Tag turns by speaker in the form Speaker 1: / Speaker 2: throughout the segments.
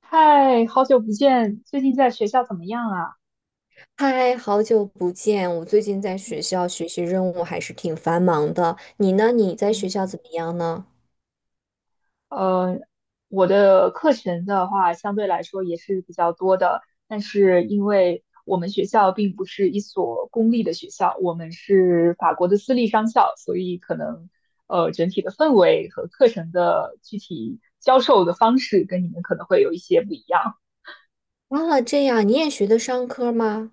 Speaker 1: 嗨，好久不见，最近在学校怎么样啊？
Speaker 2: 嗨，好久不见！我最近在学校学习任务还是挺繁忙的。你呢？你在学
Speaker 1: 嗯，
Speaker 2: 校怎么样呢？
Speaker 1: 呃，我的课程的话，相对来说也是比较多的，但是因为我们学校并不是一所公立的学校，我们是法国的私立商校，所以可能整体的氛围和课程的具体教授的方式跟你们可能会有一些不一样。
Speaker 2: 啊，这样你也学的商科吗？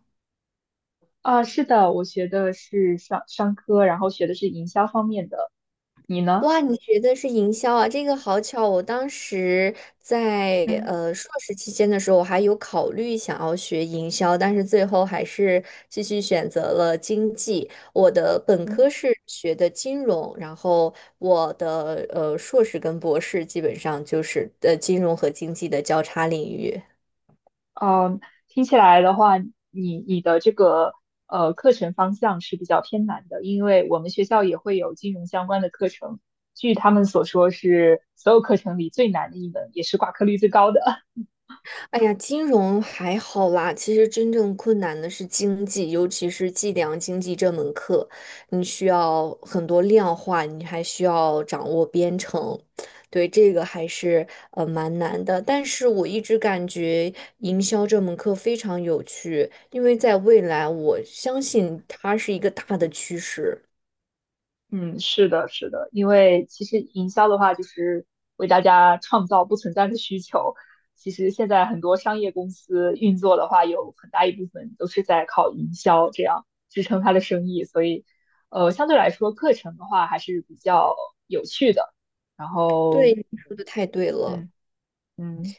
Speaker 1: 啊，是的，我学的是商科，然后学的是营销方面的，你呢？
Speaker 2: 哇，你学的是营销啊？这个好巧，我当时在
Speaker 1: 嗯
Speaker 2: 硕士期间的时候，我还有考虑想要学营销，但是最后还是继续选择了经济。我的本
Speaker 1: 嗯，
Speaker 2: 科是学的金融，然后我的硕士跟博士基本上就是金融和经济的交叉领域。
Speaker 1: 嗯，听起来的话，你的这个课程方向是比较偏难的，因为我们学校也会有金融相关的课程，据他们所说是所有课程里最难的一门，也是挂科率最高的。
Speaker 2: 哎呀，金融还好啦。其实真正困难的是经济，尤其是计量经济这门课，你需要很多量化，你还需要掌握编程。对，这个还是蛮难的。但是我一直感觉营销这门课非常有趣，因为在未来，我相信它是一个大的趋势。
Speaker 1: 嗯，是的，是的，因为其实营销的话，就是为大家创造不存在的需求。其实现在很多商业公司运作的话，有很大一部分都是在靠营销这样支撑它的生意，所以，相对来说，课程的话还是比较有趣的。然
Speaker 2: 对，
Speaker 1: 后。
Speaker 2: 你说的太对了。
Speaker 1: 嗯。嗯。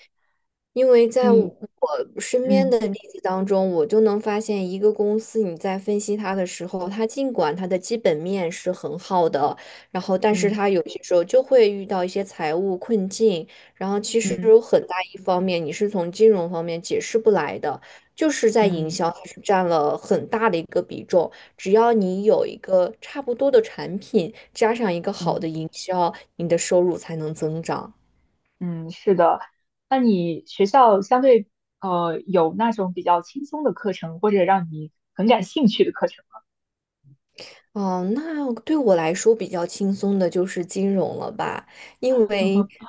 Speaker 2: 因为在我
Speaker 1: 嗯。
Speaker 2: 我身边
Speaker 1: 嗯。
Speaker 2: 的例子当中，我就能发现一个公司，你在分析它的时候，尽管它的基本面是很好的，然后但是
Speaker 1: 嗯。
Speaker 2: 它有些时候就会遇到一些财务困境，然后其实
Speaker 1: 嗯。
Speaker 2: 有很大一方面你是从金融方面解释不来的，就是在营
Speaker 1: 嗯。嗯。
Speaker 2: 销它是占了很大的一个比重。只要你有一个差不多的产品，加上一个好
Speaker 1: 嗯
Speaker 2: 的营销，你的收入才能增长。
Speaker 1: 嗯，是的。那你学校相对有那种比较轻松的课程，或者让你很感兴趣的课程
Speaker 2: 哦，那对我来说比较轻松的就是金融了吧，因为，
Speaker 1: 吗？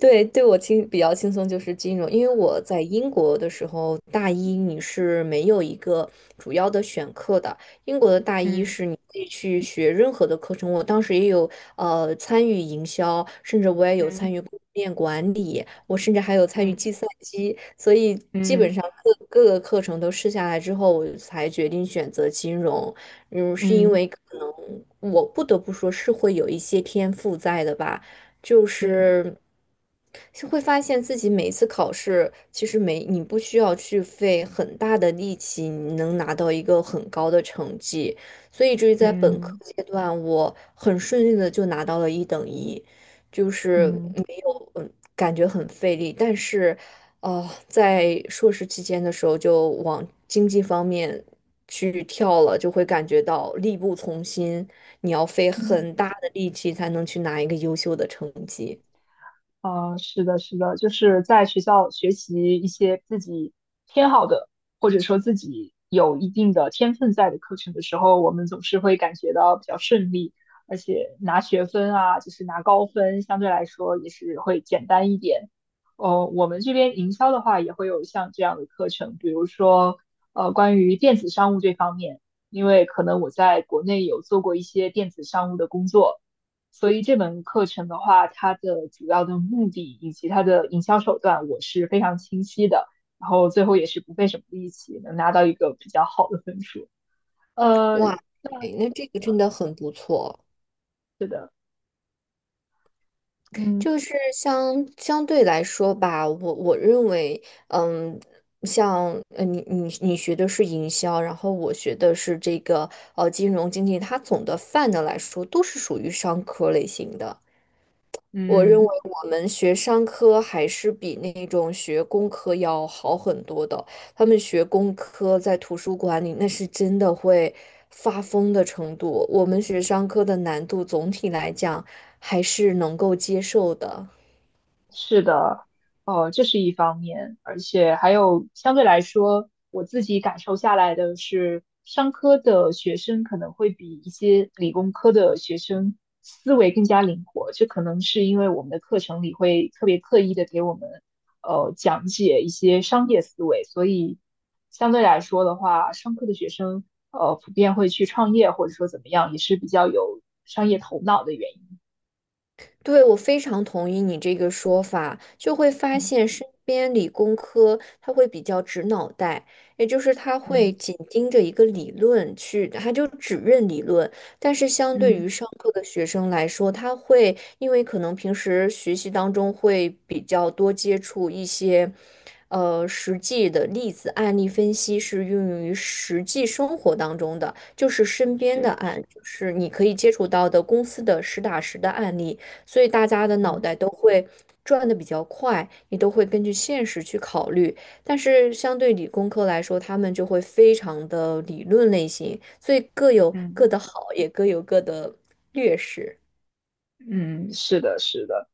Speaker 2: 对，对我轻比较轻松就是金融，因为我在英国的时候，大一你是没有一个主要的选课的。英国的大一
Speaker 1: 嗯。
Speaker 2: 是你可以去学任何的课程，我当时也有参与营销，甚至我也有参
Speaker 1: 嗯。
Speaker 2: 与供应链管理，我甚至还有参与
Speaker 1: 嗯。
Speaker 2: 计算机，所以基本
Speaker 1: 嗯。
Speaker 2: 上各个课程都试下来之后，我才决定选择金融。嗯，是因
Speaker 1: 嗯。
Speaker 2: 为可能我不得不说是会有一些天赋在的吧。就
Speaker 1: 嗯。
Speaker 2: 是是会发现自己每一次考试，其实没你不需要去费很大的力气，你能拿到一个很高的成绩。所以至于在
Speaker 1: 嗯。
Speaker 2: 本科
Speaker 1: 嗯。
Speaker 2: 阶段，我很顺利的就拿到了一等一，就是
Speaker 1: 嗯
Speaker 2: 没有感觉很费力，但是在硕士期间的时候就往经济方面去跳了，就会感觉到力不从心。你要费
Speaker 1: 嗯
Speaker 2: 很大的力气才能去拿一个优秀的成绩。
Speaker 1: 是的，是的，就是在学校学习一些自己偏好的，或者说自己有一定的天分在的课程的时候，我们总是会感觉到比较顺利，而且拿学分啊，就是拿高分，相对来说也是会简单一点。我们这边营销的话，也会有像这样的课程，比如说关于电子商务这方面，因为可能我在国内有做过一些电子商务的工作。所以这门课程的话，它的主要的目的以及它的营销手段，我是非常清晰的。然后最后也是不费什么力气，能拿到一个比较好的分数。呃，
Speaker 2: 哇，
Speaker 1: 那
Speaker 2: 哎那这个真的很不错。
Speaker 1: 是的。嗯
Speaker 2: 就是相对来说吧，我认为，嗯，像你学的是营销，然后我学的是这个金融经济，它总的泛的来说都是属于商科类型的。我认为
Speaker 1: 嗯。
Speaker 2: 我们学商科还是比那种学工科要好很多的。他们学工科在图书馆里，那是真的会发疯的程度。我们学商科的难度总体来讲还是能够接受的。
Speaker 1: 是的，这是一方面，而且还有相对来说，我自己感受下来的是，商科的学生可能会比一些理工科的学生思维更加灵活，这可能是因为我们的课程里会特别刻意的给我们讲解一些商业思维，所以相对来说的话，商科的学生普遍会去创业或者说怎么样，也是比较有商业头脑的原因。
Speaker 2: 对，我非常同意你这个说法，就会发
Speaker 1: 嗯。
Speaker 2: 现身边理工科他会比较直脑袋，也就是他会
Speaker 1: 嗯。
Speaker 2: 紧盯着一个理论去，他就只认理论。但是相对
Speaker 1: 嗯，
Speaker 2: 于上课的学生来说，他会因为可能平时学习当中会比较多接触一些，实际的例子案例分析是运用于实际生活当中的，就是身边的
Speaker 1: 是。
Speaker 2: 案，就是你可以接触到的公司的实打实的案例。所以大家的脑
Speaker 1: 嗯。
Speaker 2: 袋都会转的比较快，你都会根据现实去考虑。但是相对理工科来说，他们就会非常的理论类型，所以各有各
Speaker 1: 嗯
Speaker 2: 的好，也各有各的劣势。
Speaker 1: 嗯，是的，是的，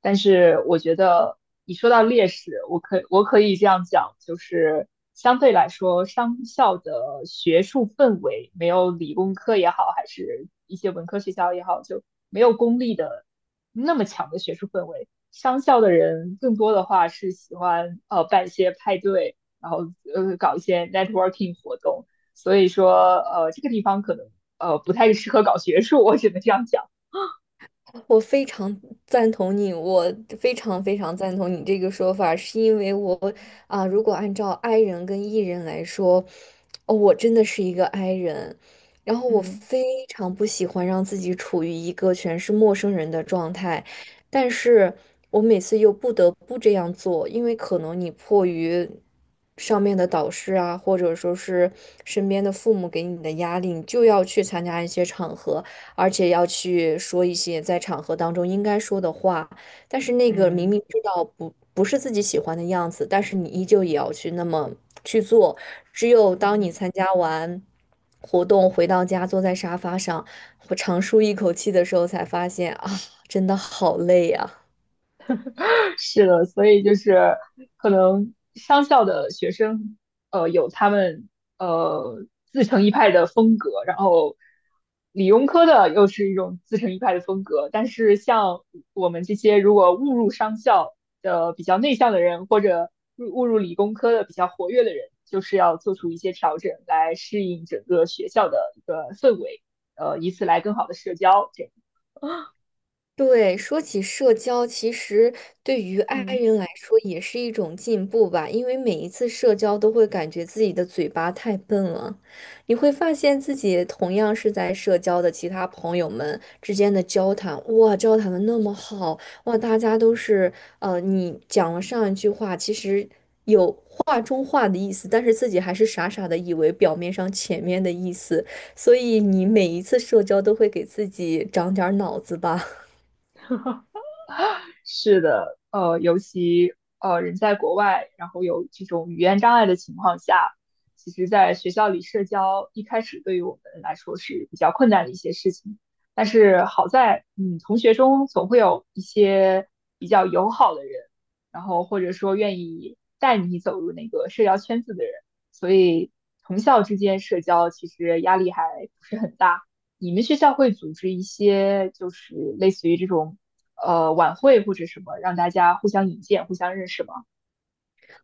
Speaker 1: 但是我觉得你说到劣势，我可以这样讲，就是相对来说，商校的学术氛围没有理工科也好，还是一些文科学校也好，就没有公立的那么强的学术氛围。商校的人更多的话是喜欢办一些派对，然后搞一些 networking 活动，所以说这个地方可能不太适合搞学术，我只能这样讲。
Speaker 2: 我非常赞同你，我非常赞同你这个说法，是因为我
Speaker 1: 嗯。
Speaker 2: 啊、如果按照 I 人跟 E 人来说，哦，我真的是一个 I 人，然后我
Speaker 1: 嗯。
Speaker 2: 非常不喜欢让自己处于一个全是陌生人的状态，但是我每次又不得不这样做，因为可能你迫于上面的导师啊，或者说是身边的父母给你的压力，你就要去参加一些场合。而且要去说一些在场合当中应该说的话。但是那个明
Speaker 1: 嗯。
Speaker 2: 明知道不是自己喜欢的样子，但是你依旧也要去那么去做。只有当你
Speaker 1: 嗯。
Speaker 2: 参加完活动回到家，坐在沙发上，我长舒一口气的时候，才发现啊，真的好累呀、
Speaker 1: 是的，所以就是可能商校的学生，有他们呃自成一派的风格，然后理工科的又是一种自成一派的风格。但是像我们这些如果误入商校的比较内向的人，或者误入理工科的比较活跃的人，就是要做出一些调整来适应整个学校的一个氛围，以此来更好的社交。这样，
Speaker 2: 对，说起社交，其实对于爱
Speaker 1: 嗯，
Speaker 2: 人来说也是一种进步吧，因为每一次社交都会感觉自己的嘴巴太笨了，你会发现自己同样是在社交的其他朋友们之间的交谈，哇，交谈的那么好，哇，大家都是，你讲了上一句话，其实有话中话的意思，但是自己还是傻傻的以为表面上前面的意思，所以你每一次社交都会给自己长点儿脑子吧。
Speaker 1: 是的，尤其人在国外，然后有这种语言障碍的情况下，其实在学校里社交一开始对于我们来说是比较困难的一些事情。但是好在，同学中总会有一些比较友好的人，然后或者说愿意带你走入那个社交圈子的人，所以同校之间社交其实压力还不是很大。你们学校会组织一些就是类似于这种晚会或者什么，让大家互相引荐、互相认识吗？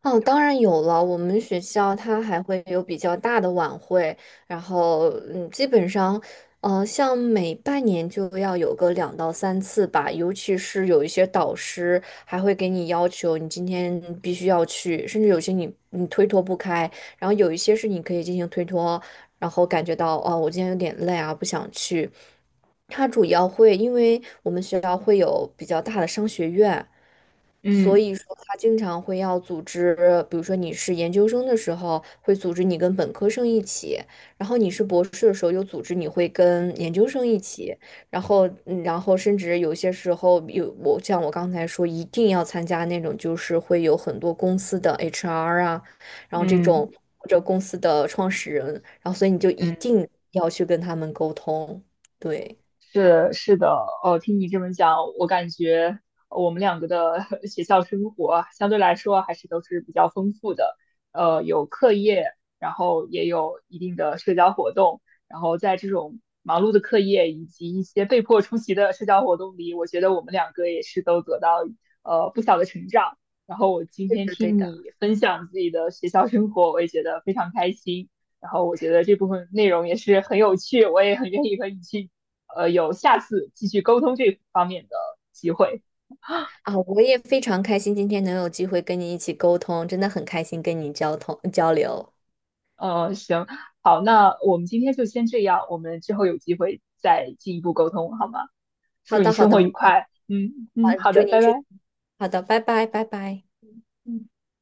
Speaker 2: 哦，当然有了。我们学校它还会有比较大的晚会，然后嗯，基本上，像每半年就要有个两到三次吧。尤其是有一些导师还会给你要求，你今天必须要去，甚至有些你推脱不开，然后有一些是你可以进行推脱，然后感觉到哦，我今天有点累啊，不想去。它主要会，因为我们学校会有比较大的商学院，所
Speaker 1: 嗯。
Speaker 2: 以说，他经常会要组织，比如说你是研究生的时候，会组织你跟本科生一起；然后你是博士的时候，又组织你会跟研究生一起。然后，然后甚至有些时候我像我刚才说，一定要参加那种就是会有很多公司的 HR 啊，然后这
Speaker 1: 嗯。
Speaker 2: 种或者公司的创始人，然后所以你就一
Speaker 1: 嗯。
Speaker 2: 定要去跟他们沟通。对，
Speaker 1: 是的，哦，听你这么讲，我感觉我们两个的 学校生活相对来说还是都是比较丰富的，有课业，然后也有一定的社交活动，然后在这种忙碌的课业以及一些被迫出席的社交活动里，我觉得我们两个也是都得到不小的成长。然后我今天听
Speaker 2: 的。
Speaker 1: 你分享自己的学校生活，我也觉得非常开心。然后我觉得这部分内容也是很有趣，我也很愿意和你去有下次继续沟通这方面的机会。
Speaker 2: 啊，我也非常开心今天能有机会跟你一起沟通，真的很开心跟你交流。
Speaker 1: 行，好，那我们今天就先这样，我们之后有机会再进一步沟通，好吗？
Speaker 2: 好
Speaker 1: 祝你
Speaker 2: 的，好
Speaker 1: 生
Speaker 2: 的，
Speaker 1: 活
Speaker 2: 没
Speaker 1: 愉
Speaker 2: 问题。
Speaker 1: 快。嗯
Speaker 2: 好，
Speaker 1: 嗯，好
Speaker 2: 祝
Speaker 1: 的，
Speaker 2: 您
Speaker 1: 拜
Speaker 2: 是
Speaker 1: 拜。
Speaker 2: 好的，拜拜，拜拜。
Speaker 1: 嗯。